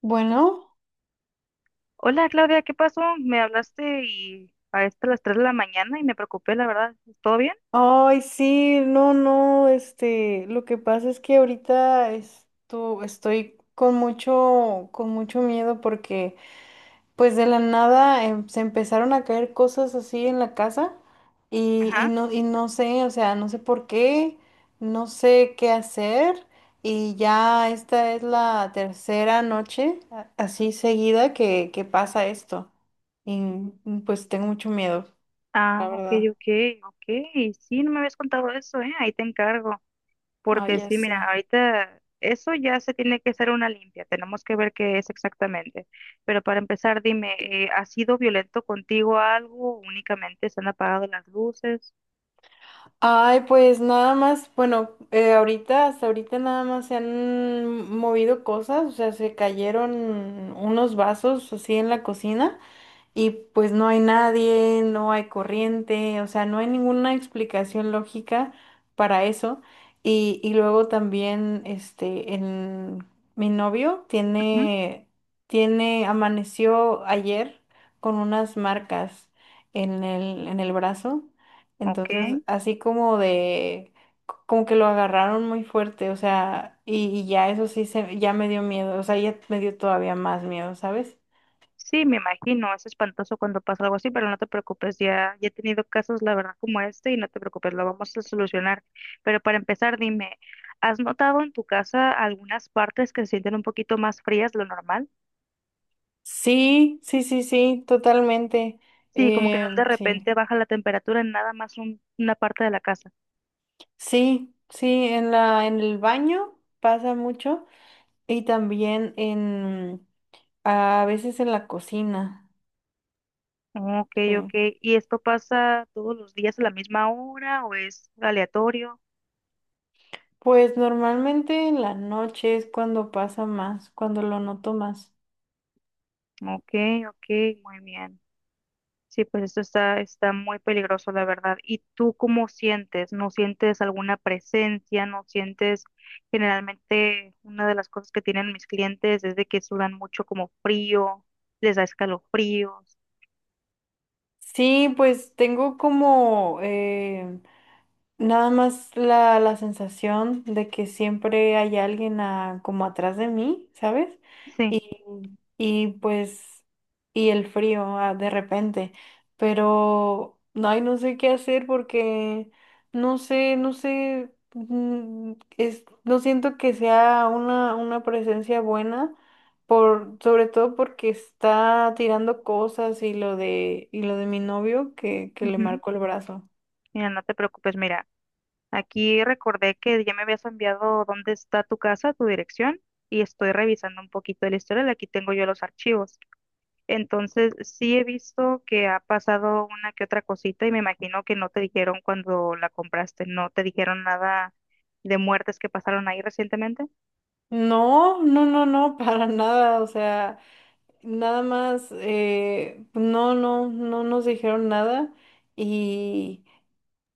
Bueno, Hola Claudia, ¿qué pasó? Me hablaste y a esto a las 3 de la mañana y me preocupé, la verdad. ¿Todo bien? ay, sí, no, no, lo que pasa es que ahorita estoy con mucho miedo, porque pues de la nada, se empezaron a caer cosas así en la casa. y, y Ajá. no, y no sé, o sea, no sé por qué, no sé qué hacer. Y ya esta es la tercera noche así seguida, que pasa esto. Y pues tengo mucho miedo, la Ah, ok, verdad. ok, ok. Sí, no me habías contado eso, ¿eh? Ahí te encargo. Ay, Porque ya sí, mira, sé. ahorita eso ya se tiene que hacer una limpia. Tenemos que ver qué es exactamente. Pero para empezar, dime, ¿ha sido violento contigo algo? ¿Únicamente se han apagado las luces? Ay, pues nada más, bueno, hasta ahorita nada más se han movido cosas, o sea, se cayeron unos vasos así en la cocina. Y pues no hay nadie, no hay corriente, o sea, no hay ninguna explicación lógica para eso. Y luego también, mi novio Ujú, amaneció ayer con unas marcas en el brazo, ok. entonces así como que lo agarraron muy fuerte, o sea. Y ya me dio miedo, o sea, ya me dio todavía más miedo, ¿sabes? Sí, me imagino, es espantoso cuando pasa algo así, pero no te preocupes, ya, ya he tenido casos, la verdad, como este y no te preocupes, lo vamos a solucionar. Pero para empezar, dime, ¿has notado en tu casa algunas partes que se sienten un poquito más frías de lo normal? Sí, sí, sí, sí, totalmente. Sí, como que de Sí, repente baja la temperatura en nada más una parte de la casa. sí, sí, en el baño pasa mucho, y también a veces en la cocina. Ok, ok. Sí. ¿Y esto pasa todos los días a la misma hora o es aleatorio? Pues normalmente en la noche es cuando pasa más, cuando lo noto más. Ok, ok, muy bien. Sí, pues esto está, está muy peligroso, la verdad. ¿Y tú cómo sientes? ¿No sientes alguna presencia? ¿No sientes generalmente una de las cosas que tienen mis clientes es de que sudan mucho como frío, les da escalofríos? Sí, pues tengo como, nada más la sensación de que siempre hay alguien, como atrás de mí, ¿sabes? Sí. Y, y pues, y el frío, de repente. Pero, no, ay, no sé qué hacer, porque no sé, no siento que sea una presencia buena, sobre todo porque está tirando cosas, y lo de mi novio que le Ujú. marcó el brazo. Mira, no te preocupes, mira, aquí recordé que ya me habías enviado dónde está tu casa, tu dirección, y estoy revisando un poquito el historial. Aquí tengo yo los archivos. Entonces, sí he visto que ha pasado una que otra cosita y me imagino que no te dijeron cuando la compraste, no te dijeron nada de muertes que pasaron ahí recientemente. No, no, no, no, para nada, o sea, nada más, pues no nos dijeron nada, y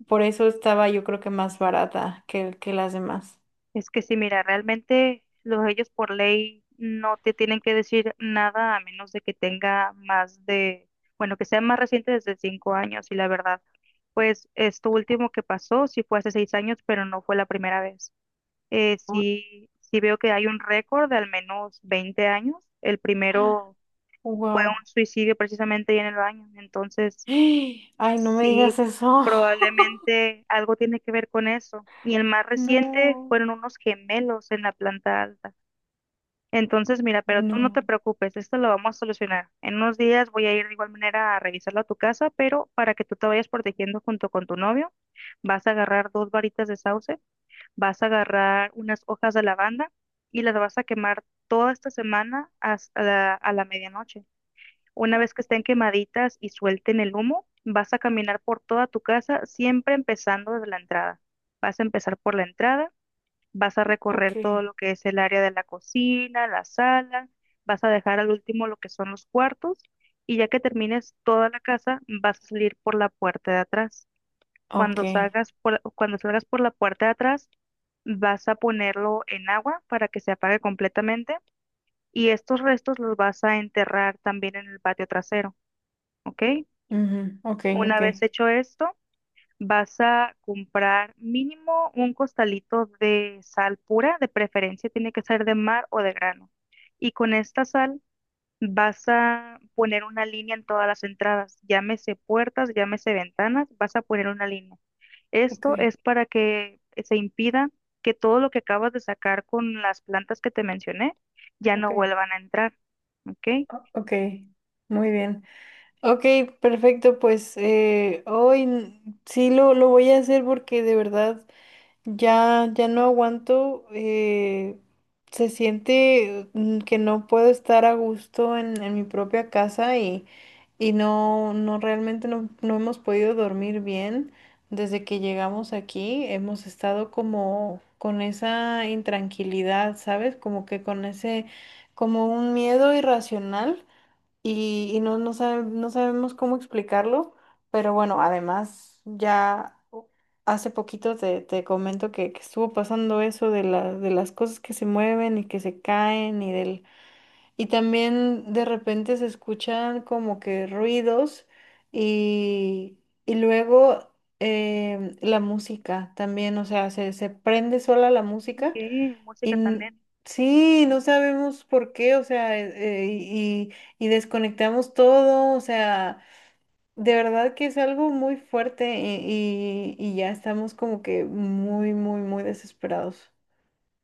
por eso estaba, yo creo, que más barata que las demás. Es que sí, mira, realmente los ellos por ley no te tienen que decir nada a menos de que tenga más de, bueno, que sea más reciente desde 5 años y la verdad, pues esto último que pasó sí fue hace 6 años, pero no fue la primera vez. Oh, Sí, sí veo que hay un récord de al menos 20 años. El primero fue wow. un suicidio precisamente ahí en el baño. Entonces, Ay, no me sí, digas eso. probablemente algo tiene que ver con eso. Y el más reciente No, fueron unos gemelos en la planta alta. Entonces, mira, pero tú no no. te preocupes, esto lo vamos a solucionar. En unos días voy a ir de igual manera a revisarlo a tu casa, pero para que tú te vayas protegiendo junto con tu novio, vas a agarrar 2 varitas de sauce. Vas a agarrar unas hojas de lavanda y las vas a quemar toda esta semana hasta a la medianoche. Una vez que estén Ok. quemaditas y suelten el humo, vas a caminar por toda tu casa, siempre empezando desde la entrada. Vas a empezar por la entrada, vas a recorrer Ok. todo lo que es el área de la cocina, la sala, vas a dejar al último lo que son los cuartos y ya que termines toda la casa, vas a salir por la puerta de atrás. Ok. Cuando salgas por la puerta de atrás, vas a ponerlo en agua para que se apague completamente y estos restos los vas a enterrar también en el patio trasero, ¿ok? Ujú, ok, Una ok. vez hecho esto, vas a comprar mínimo un costalito de sal pura, de preferencia tiene que ser de mar o de grano. Y con esta sal vas a poner una línea en todas las entradas, llámese puertas, llámese ventanas, vas a poner una línea. Ok, Esto es para que se impida que todo lo que acabas de sacar con las plantas que te mencioné ya ok, no vuelvan a entrar, ¿ok? ok. Muy bien. Ok, perfecto. Pues, hoy, sí lo voy a hacer, porque de verdad ya no aguanto. Se siente, que no puedo estar a gusto en mi propia casa. Y no realmente, no hemos podido dormir bien desde que llegamos aquí. Hemos estado como con esa intranquilidad, ¿sabes? Como que con como un miedo irracional. Y no sabemos cómo explicarlo. Pero bueno, además, ya hace poquito te comento que estuvo pasando eso de de las cosas que se mueven y que se caen. Y también de repente se escuchan como que ruidos, y, y luego, la música también. O sea, se prende sola la Ok, música. y música también. n- sí, no sabemos por qué, o sea. Y desconectamos todo, o sea, de verdad que es algo muy fuerte. Y ya estamos como que muy, muy, muy desesperados.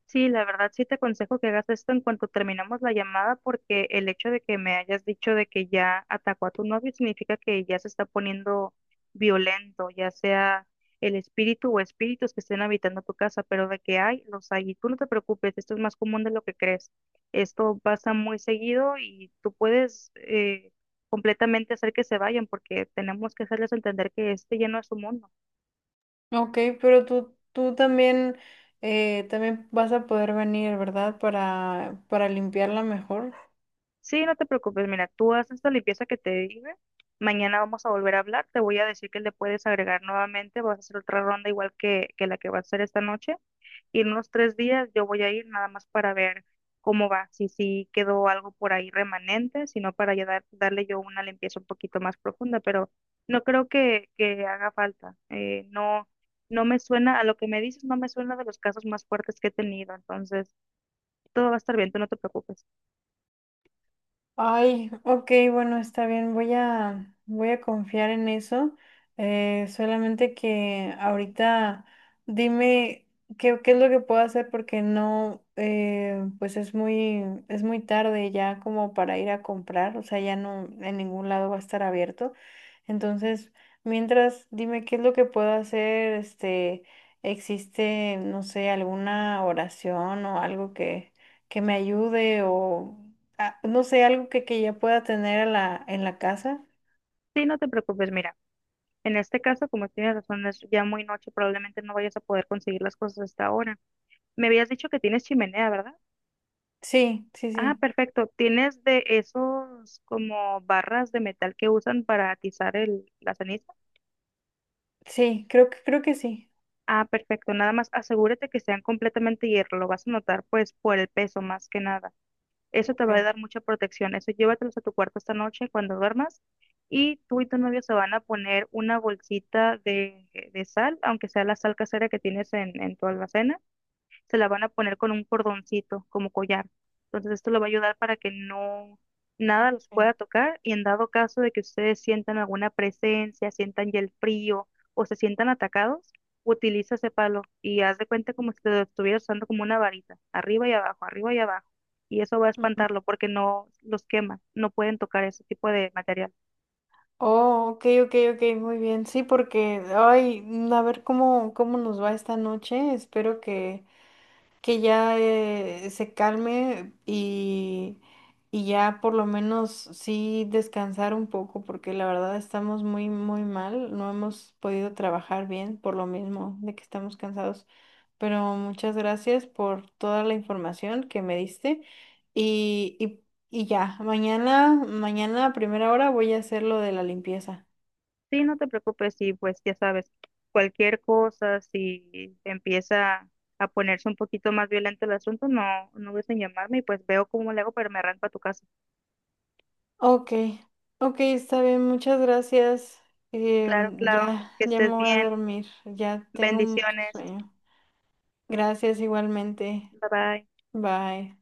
Sí, la verdad sí te aconsejo que hagas esto en cuanto terminamos la llamada porque el hecho de que me hayas dicho de que ya atacó a tu novio significa que ya se está poniendo violento, ya sea el espíritu o espíritus que estén habitando tu casa, pero de que hay, los hay. Y tú no te preocupes, esto es más común de lo que crees. Esto pasa muy seguido y tú puedes completamente hacer que se vayan porque tenemos que hacerles entender que este ya no es su mundo. Ok, pero tú también, vas a poder venir, ¿verdad? Para limpiarla mejor. Sí, no te preocupes, mira, tú haces la limpieza que te dije. Mañana vamos a volver a hablar. Te voy a decir que le puedes agregar nuevamente. Vas a hacer otra ronda igual que la que vas a hacer esta noche. Y en unos 3 días yo voy a ir nada más para ver cómo va, si sí quedó algo por ahí remanente, sino para ya darle yo una limpieza un poquito más profunda. Pero no creo que haga falta. No, no me suena, a lo que me dices, no me suena de los casos más fuertes que he tenido. Entonces, todo va a estar bien, tú no te preocupes. Ay, ok, bueno, está bien, voy a confiar en eso. Solamente que ahorita, dime qué es lo que puedo hacer, porque no, pues es muy tarde ya como para ir a comprar, o sea, ya no en ningún lado va a estar abierto. Entonces, mientras, dime qué es lo que puedo hacer. Existe, no sé, alguna oración o algo que me ayude, o, no sé, algo que ya pueda tener en la casa. Sí, no te preocupes, mira. En este caso, como tienes razón, es ya muy noche, probablemente no vayas a poder conseguir las cosas hasta ahora. Me habías dicho que tienes chimenea, ¿verdad? Sí, sí, Ah, sí. perfecto. ¿Tienes de esos como barras de metal que usan para atizar el, la ceniza? Sí, creo que sí. Ah, perfecto. Nada más asegúrate que sean completamente hierro. Lo vas a notar pues por el peso más que nada. Eso te Ok. va a dar mucha protección. Eso llévatelos a tu cuarto esta noche cuando duermas. Y tú y tu novio se van a poner una bolsita de sal, aunque sea la sal casera que tienes en tu alacena se la van a poner con un cordoncito como collar. Entonces esto le va a ayudar para que no nada los Ok. pueda tocar y en dado caso de que ustedes sientan alguna presencia, sientan ya el frío o se sientan atacados, utiliza ese palo y haz de cuenta como si lo estuvieras usando como una varita, arriba y abajo, arriba y abajo. Y eso va a Ujú. espantarlo porque no los quema, no pueden tocar ese tipo de material. Oh, ok, ok, ok, muy bien. Sí, porque, ay, a ver cómo nos va esta noche. Espero que ya, se calme, y ya por lo menos sí descansar un poco, porque la verdad estamos muy, muy mal, no hemos podido trabajar bien por lo mismo de que estamos cansados. Pero muchas gracias por toda la información que me diste. Y, y, y ya, mañana a primera hora voy a hacer lo de la limpieza. Sí, no te preocupes, y pues ya sabes, cualquier cosa, si empieza a ponerse un poquito más violento el asunto, no, no dudes en llamarme y pues veo cómo le hago, pero me arranco a tu casa. Ok, ok, está bien, muchas gracias. Claro, Em, claro, entonces ya, que ya me estés voy a bien, dormir, ya tengo mucho bendiciones, sueño. Gracias igualmente. bye bye. Bye.